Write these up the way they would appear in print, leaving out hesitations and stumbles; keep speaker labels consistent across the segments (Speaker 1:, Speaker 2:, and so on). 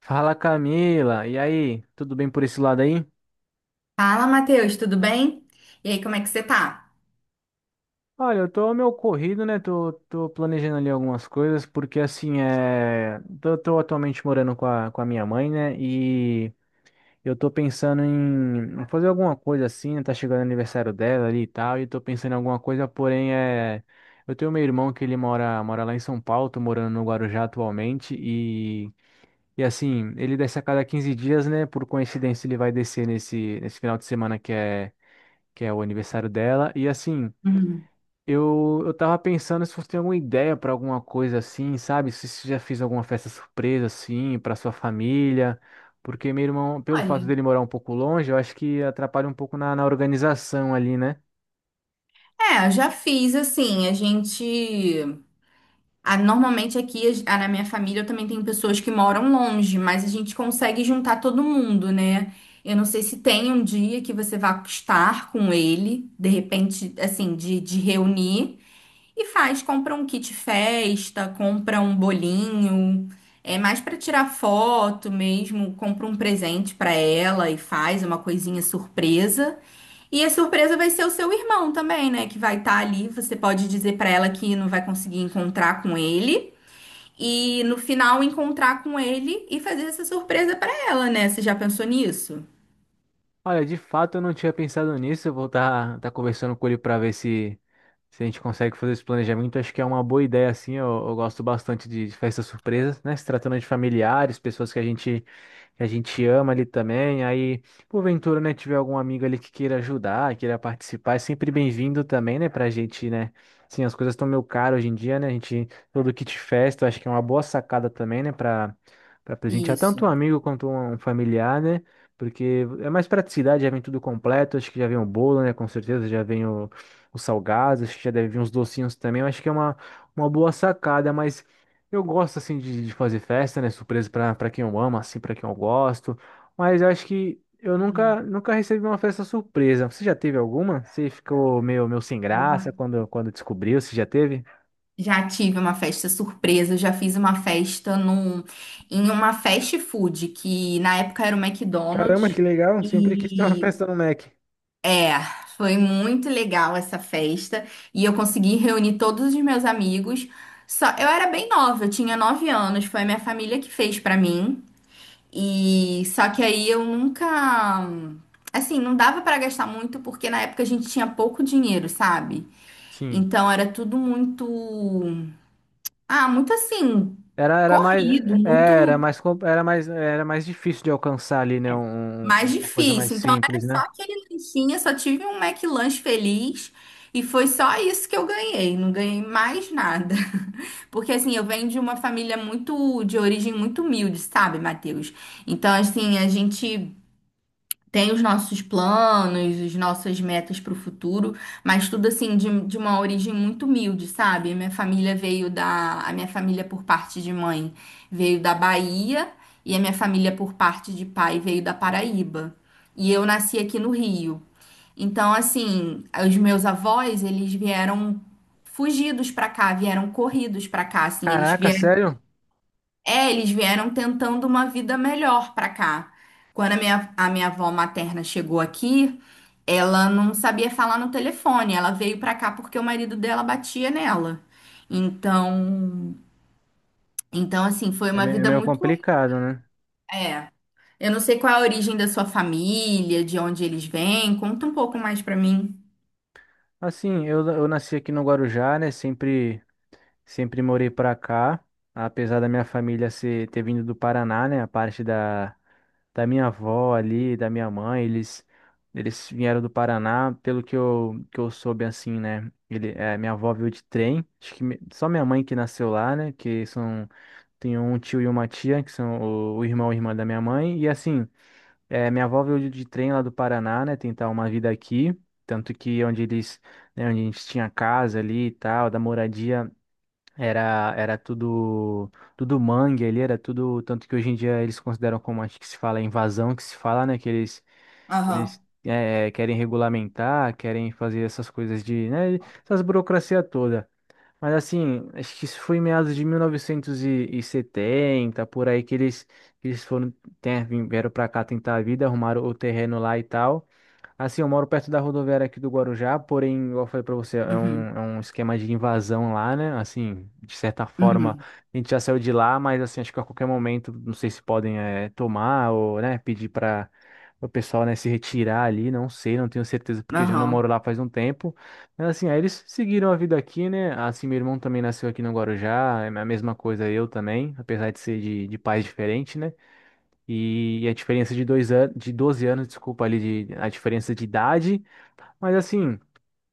Speaker 1: Fala Camila, e aí? Tudo bem por esse lado aí?
Speaker 2: Fala, Matheus, tudo bem? E aí, como é que você tá?
Speaker 1: Olha, eu tô meio corrido, né? Tô planejando ali algumas coisas, porque assim, tô atualmente morando com a minha mãe, né? E eu tô pensando em fazer alguma coisa assim, né? Tá chegando o aniversário dela ali e tal, e tô pensando em alguma coisa, porém. Eu tenho meu irmão que ele mora lá em São Paulo. Tô morando no Guarujá atualmente. E assim, ele desce a cada 15 dias, né? Por coincidência, ele vai descer nesse final de semana que é o aniversário dela. E assim,
Speaker 2: Uhum.
Speaker 1: eu tava pensando se você tem alguma ideia pra alguma coisa assim, sabe? Se você já fez alguma festa surpresa assim pra sua família. Porque meu irmão, pelo fato
Speaker 2: Olha,
Speaker 1: dele morar um pouco longe, eu acho que atrapalha um pouco na organização ali, né?
Speaker 2: é, eu já fiz assim, a gente. Ah, normalmente aqui na minha família eu também tenho pessoas que moram longe, mas a gente consegue juntar todo mundo, né? Eu não sei se tem. E faz, compra um kit festa, compra um bolinho, é mais pra tirar foto mesmo, compra um presente pra ela e faz uma coisinha surpresa. E a surpresa vai ser o seu irmão também, né, que vai estar ali. Você pode dizer pra ela que não vai conseguir encontrar com ele e no final encontrar com ele e fazer essa surpresa pra ela, né? Você já pensou nisso?
Speaker 1: Olha, de fato eu não tinha pensado nisso. Eu vou estar tá conversando com ele pra ver se. Se a gente consegue fazer esse planejamento, acho que é uma boa ideia, assim. Eu gosto bastante de festas surpresas, né? Se tratando de familiares, pessoas que a gente ama ali também. Aí, porventura, né, tiver algum amigo ali que queira ajudar, queira participar, é sempre bem-vindo também, né, pra gente, né? Sim, as coisas estão meio caras hoje em dia, né? A gente, todo kit festa, eu acho que é uma boa sacada também, né, pra presentear tanto um
Speaker 2: Isso.
Speaker 1: amigo quanto um familiar, né? Porque é mais praticidade, já vem tudo completo, acho que já vem o bolo, né? Com certeza, já vem os salgados, acho que já deve vir uns docinhos também. Eu acho que é uma boa sacada, mas eu gosto assim de fazer festa, né? Surpresa para quem eu amo, assim, para quem eu gosto. Mas eu acho que eu
Speaker 2: Hum.
Speaker 1: nunca recebi uma festa surpresa. Você já teve alguma? Você ficou meio sem graça quando descobriu? Você já teve?
Speaker 2: Já tive uma festa surpresa, já fiz uma festa num, em uma fast food, que na época era o
Speaker 1: Caramba,
Speaker 2: McDonald's.
Speaker 1: que legal. Sempre quis ter uma
Speaker 2: E
Speaker 1: festa no Mac.
Speaker 2: é, foi muito legal essa festa. E eu consegui reunir todos os meus amigos. Só, eu era bem nova, eu tinha 9 anos, foi a minha família que fez pra mim. E só que aí eu nunca. Assim, não dava pra gastar muito porque na época a gente tinha pouco dinheiro, sabe?
Speaker 1: Sim.
Speaker 2: Então era tudo muito. Ah, muito assim,
Speaker 1: Era, era mais,
Speaker 2: corrido,
Speaker 1: é,
Speaker 2: muito
Speaker 1: era mais difícil de alcançar ali, né? um- um,
Speaker 2: mais
Speaker 1: uma coisa mais
Speaker 2: difícil. Então era
Speaker 1: simples,
Speaker 2: só
Speaker 1: né?
Speaker 2: aquele lanchinho, só tive um McLanche feliz e foi só isso que eu ganhei, não ganhei mais nada. Porque assim, eu venho de uma família muito de origem muito humilde, sabe, Matheus? Então assim, a gente tem os nossos planos, as nossas metas para o futuro, mas tudo assim de uma origem muito humilde, sabe? Minha família veio da, a minha família por parte de mãe veio da Bahia e a minha família por parte de pai veio da Paraíba. E eu nasci aqui no Rio. Então, assim, os meus avós, eles vieram fugidos para cá, vieram corridos para cá, assim, eles
Speaker 1: Caraca, sério?
Speaker 2: é, eles vieram tentando uma vida melhor pra cá. Quando a minha avó materna chegou aqui, ela não sabia falar no telefone. Ela veio pra cá porque o marido dela batia nela. Então, então assim, foi
Speaker 1: É
Speaker 2: uma
Speaker 1: me- é
Speaker 2: vida
Speaker 1: meio
Speaker 2: muito.
Speaker 1: complicado, né?
Speaker 2: É. Eu não sei qual é a origem da sua família, de onde eles vêm. Conta um pouco mais pra mim.
Speaker 1: Assim, eu nasci aqui no Guarujá, né? Sempre morei pra cá, apesar da minha família ter vindo do Paraná, né? A parte da minha avó ali, da minha mãe, eles vieram do Paraná, pelo que eu soube, assim, né? Minha avó veio de trem, acho que só minha mãe que nasceu lá, né? Tem um tio e uma tia, que são o irmão e irmã da minha mãe, e assim. É, minha avó veio de trem lá do Paraná, né, tentar uma vida aqui, tanto que onde eles, né, onde a gente tinha casa ali e tal, da moradia, era tudo mangue ali, era tudo, tanto que hoje em dia eles consideram como acho que se fala invasão, que se fala, né, que eles que
Speaker 2: Aham.
Speaker 1: eles eh, querem regulamentar, querem fazer essas coisas de, né, essas burocracia toda. Mas assim, acho que isso foi em meados de 1970, por aí que eles vieram pra cá tentar a vida, arrumaram o terreno lá e tal. Assim, eu moro perto da rodoviária aqui do Guarujá, porém, igual eu falei pra você, é um,
Speaker 2: Uhum,
Speaker 1: é um esquema de invasão lá, né? Assim, de certa forma,
Speaker 2: uhum,
Speaker 1: a gente já saiu de lá, mas assim, acho que a qualquer momento, não sei se podem tomar ou, né, pedir para o pessoal, né, se retirar ali, não sei, não tenho certeza, porque já não
Speaker 2: aham,
Speaker 1: moro lá faz um tempo. Mas assim, aí eles seguiram a vida aqui, né? Assim, meu irmão também nasceu aqui no Guarujá, é a mesma coisa eu também, apesar de ser de pais diferentes, né? E a diferença de dois anos, de 12 anos, desculpa, ali, a diferença de idade. Mas assim,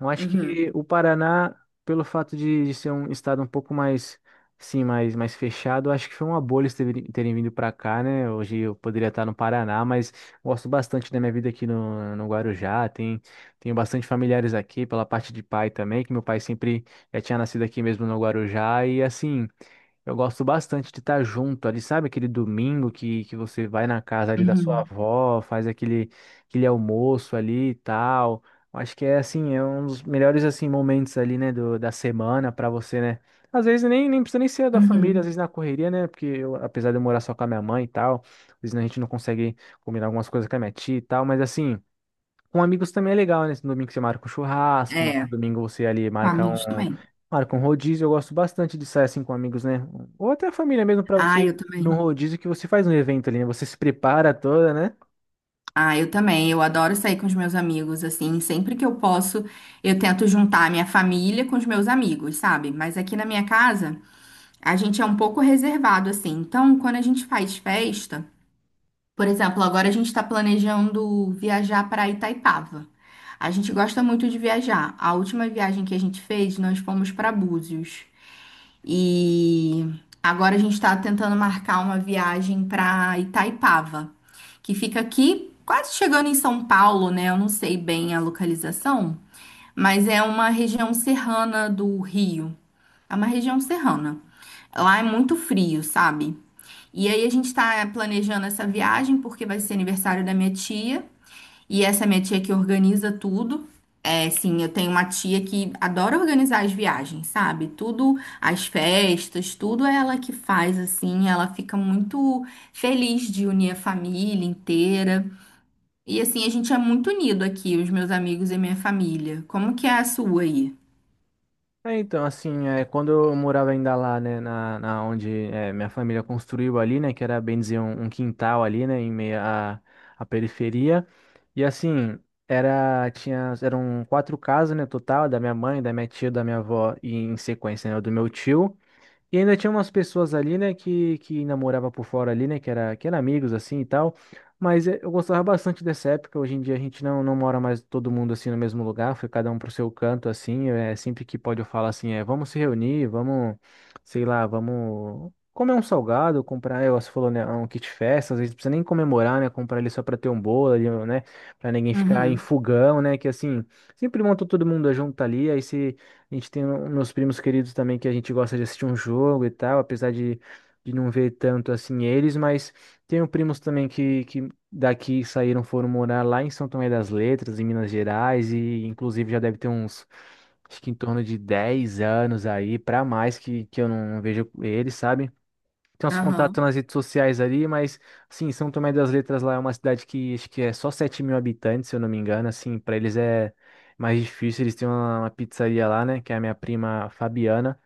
Speaker 1: eu acho
Speaker 2: uhum,
Speaker 1: que o Paraná, pelo fato de ser um estado um pouco mais, sim, mais fechado, eu acho que foi uma bolha eles terem vindo para cá, né? Hoje eu poderia estar no Paraná, mas gosto bastante da minha vida aqui no Guarujá. Tenho bastante familiares aqui, pela parte de pai também, que meu pai sempre já tinha nascido aqui mesmo no Guarujá. E assim. Eu gosto bastante de estar junto ali, sabe? Aquele domingo que você vai na casa ali da sua
Speaker 2: uhum,
Speaker 1: avó, faz aquele almoço ali e tal. Eu acho que é assim, é um dos melhores assim momentos ali, né, da semana para você, né? Às vezes nem precisa nem ser da família, às
Speaker 2: uhum.
Speaker 1: vezes na correria, né? Porque eu, apesar de eu morar só com a minha mãe e tal, às vezes a gente não consegue combinar algumas coisas com a minha tia e tal, mas assim. Com amigos também é legal, né? Esse domingo você marca um churrasco, no
Speaker 2: É,
Speaker 1: outro domingo você ali marca
Speaker 2: família
Speaker 1: um,
Speaker 2: também.
Speaker 1: marca um rodízio. Eu gosto bastante de sair assim com amigos, né? Ou até a família mesmo pra
Speaker 2: Ah,
Speaker 1: você ir
Speaker 2: eu
Speaker 1: num
Speaker 2: também.
Speaker 1: rodízio que você faz um evento ali, né? Você se prepara toda, né?
Speaker 2: Ah, eu também. Eu adoro sair com os meus amigos, assim. Sempre que eu posso, eu tento juntar a minha família com os meus amigos, sabe? Mas aqui na minha casa, a gente é um pouco reservado, assim. Então, quando a gente faz festa, por exemplo, agora a gente está planejando viajar para Itaipava. A gente gosta muito de viajar. A última viagem que a gente fez, nós fomos para Búzios. E agora a gente está tentando marcar uma viagem para Itaipava, que fica aqui quase chegando em São Paulo, né? Eu não sei bem a localização, mas é uma região serrana do Rio. É uma região serrana. Lá é muito frio, sabe? E aí a gente está planejando essa viagem porque vai ser aniversário da minha tia. E essa minha tia que organiza tudo. É, sim, eu tenho uma tia que adora organizar as viagens, sabe? Tudo, as festas, tudo é ela que faz, assim. Ela fica muito feliz de unir a família inteira. E, assim, a gente é muito unido aqui, os meus amigos e minha família. Como que é a sua aí?
Speaker 1: É, então, assim, é, quando eu morava ainda lá, né, minha família construiu ali, né, que era bem dizer um quintal ali, né, em meio à periferia. E assim, eram quatro casas, né, total, da minha mãe, da minha tia, da minha avó e em sequência, né, do meu tio. E ainda tinha umas pessoas ali, né, que namorava por fora ali, né, que era amigos assim e tal. Mas eu gostava bastante dessa época. Hoje em dia a gente não mora mais todo mundo assim no mesmo lugar, foi cada um pro seu canto assim. É sempre que pode eu falo assim, é, vamos se reunir, vamos, sei lá, vamos comer um salgado, comprar, você falou, né, um kit festa, às vezes não precisa nem comemorar, né, comprar ele só pra ter um bolo ali, né, pra ninguém ficar em
Speaker 2: Uhum,
Speaker 1: fogão, né, que assim, sempre monta todo mundo junto ali, aí se a gente tem meus primos queridos também que a gente gosta de assistir um jogo e tal, apesar de não ver tanto assim eles, mas tenho primos também que daqui saíram, foram morar lá em São Tomé das Letras, em Minas Gerais, e inclusive já deve ter uns, acho que em torno de 10 anos aí, pra mais que eu não vejo eles, sabe? Tem uns contatos
Speaker 2: aham,
Speaker 1: nas redes sociais ali, mas, assim, São Tomé das Letras lá é uma cidade que acho que é só 7 mil habitantes, se eu não me engano, assim, para eles é mais difícil, eles têm uma pizzaria lá, né, que é a minha prima Fabiana,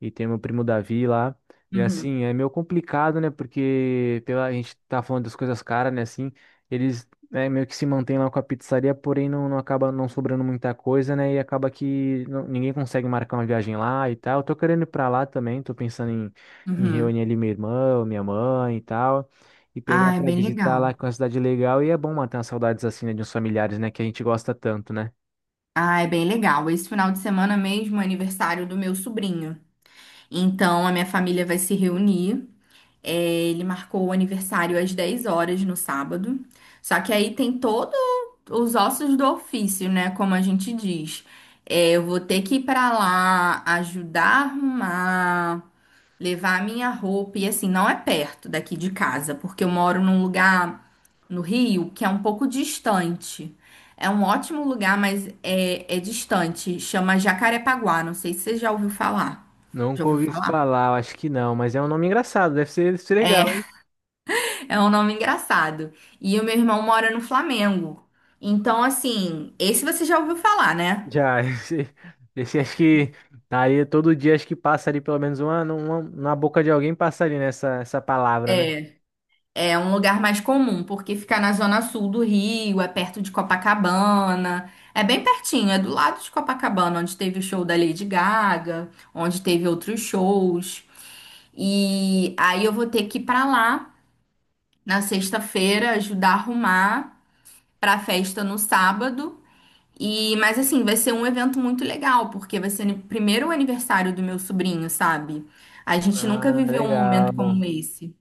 Speaker 1: e tem meu primo Davi lá. E
Speaker 2: uhum,
Speaker 1: assim, é meio complicado, né? Porque a gente tá falando das coisas caras, né? Assim, eles né, meio que se mantêm lá com a pizzaria, porém não acaba não sobrando muita coisa, né? E acaba que ninguém consegue marcar uma viagem lá e tal. Eu tô querendo ir pra lá também, tô pensando em
Speaker 2: uhum.
Speaker 1: reunir ali meu irmão, minha mãe e tal. E pegar
Speaker 2: Ah, é
Speaker 1: pra
Speaker 2: bem
Speaker 1: visitar lá,
Speaker 2: legal.
Speaker 1: que é uma cidade legal. E é bom matar as saudades assim, né, de uns familiares, né? Que a gente gosta tanto, né?
Speaker 2: Ah, é bem legal. Esse final de semana mesmo é aniversário do meu sobrinho. Então, a minha família vai se reunir. É, ele marcou o aniversário às 10 horas no sábado. Só que aí tem todos os ossos do ofício, né? Como a gente diz. É, eu vou ter que ir pra lá, ajudar a arrumar, levar a minha roupa. E assim, não é perto daqui de casa, porque eu moro num lugar no Rio que é um pouco distante. É um ótimo lugar, mas é distante. Chama Jacarepaguá. Não sei se você já ouviu falar. Já
Speaker 1: Nunca
Speaker 2: ouviu
Speaker 1: ouvi
Speaker 2: falar?
Speaker 1: falar, eu acho que não, mas é um nome engraçado, deve ser
Speaker 2: É,
Speaker 1: legal, hein?
Speaker 2: é um nome engraçado. E o meu irmão mora no Flamengo. Então, assim, esse você já ouviu falar, né?
Speaker 1: Já, esse acho que tá ali todo dia, acho que passa ali pelo menos uma na boca de alguém passa ali nessa essa palavra, né?
Speaker 2: É. É um lugar mais comum, porque fica na zona sul do Rio, é perto de Copacabana. É bem pertinho, é do lado de Copacabana, onde teve o show da Lady Gaga, onde teve outros shows. E aí eu vou ter que ir pra lá na sexta-feira, ajudar a arrumar pra festa no sábado. E, mas assim, vai ser um evento muito legal, porque vai ser o primeiro aniversário do meu sobrinho, sabe? A gente nunca
Speaker 1: Ah,
Speaker 2: viveu um momento
Speaker 1: legal.
Speaker 2: como esse.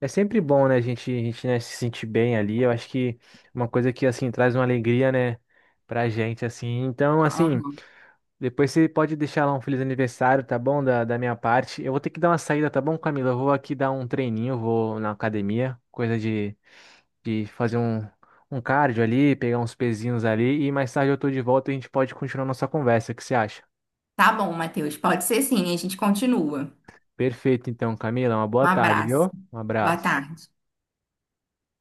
Speaker 1: É sempre bom, né, a gente, né, se sentir bem ali. Eu acho que uma coisa que, assim, traz uma alegria, né, pra gente, assim. Então, assim,
Speaker 2: Aham.
Speaker 1: depois você pode deixar lá um feliz aniversário, tá bom? Da minha parte. Eu vou ter que dar uma saída, tá bom, Camila? Eu vou aqui dar um treininho, eu vou na academia, coisa de fazer um cardio ali, pegar uns pezinhos ali e mais tarde eu tô de volta e a gente pode continuar nossa conversa. O que você acha?
Speaker 2: Tá bom, Matheus, pode ser sim, a gente continua.
Speaker 1: Perfeito, então, Camila. Uma boa
Speaker 2: Um
Speaker 1: tarde,
Speaker 2: abraço.
Speaker 1: viu? Um
Speaker 2: Boa
Speaker 1: abraço.
Speaker 2: tarde.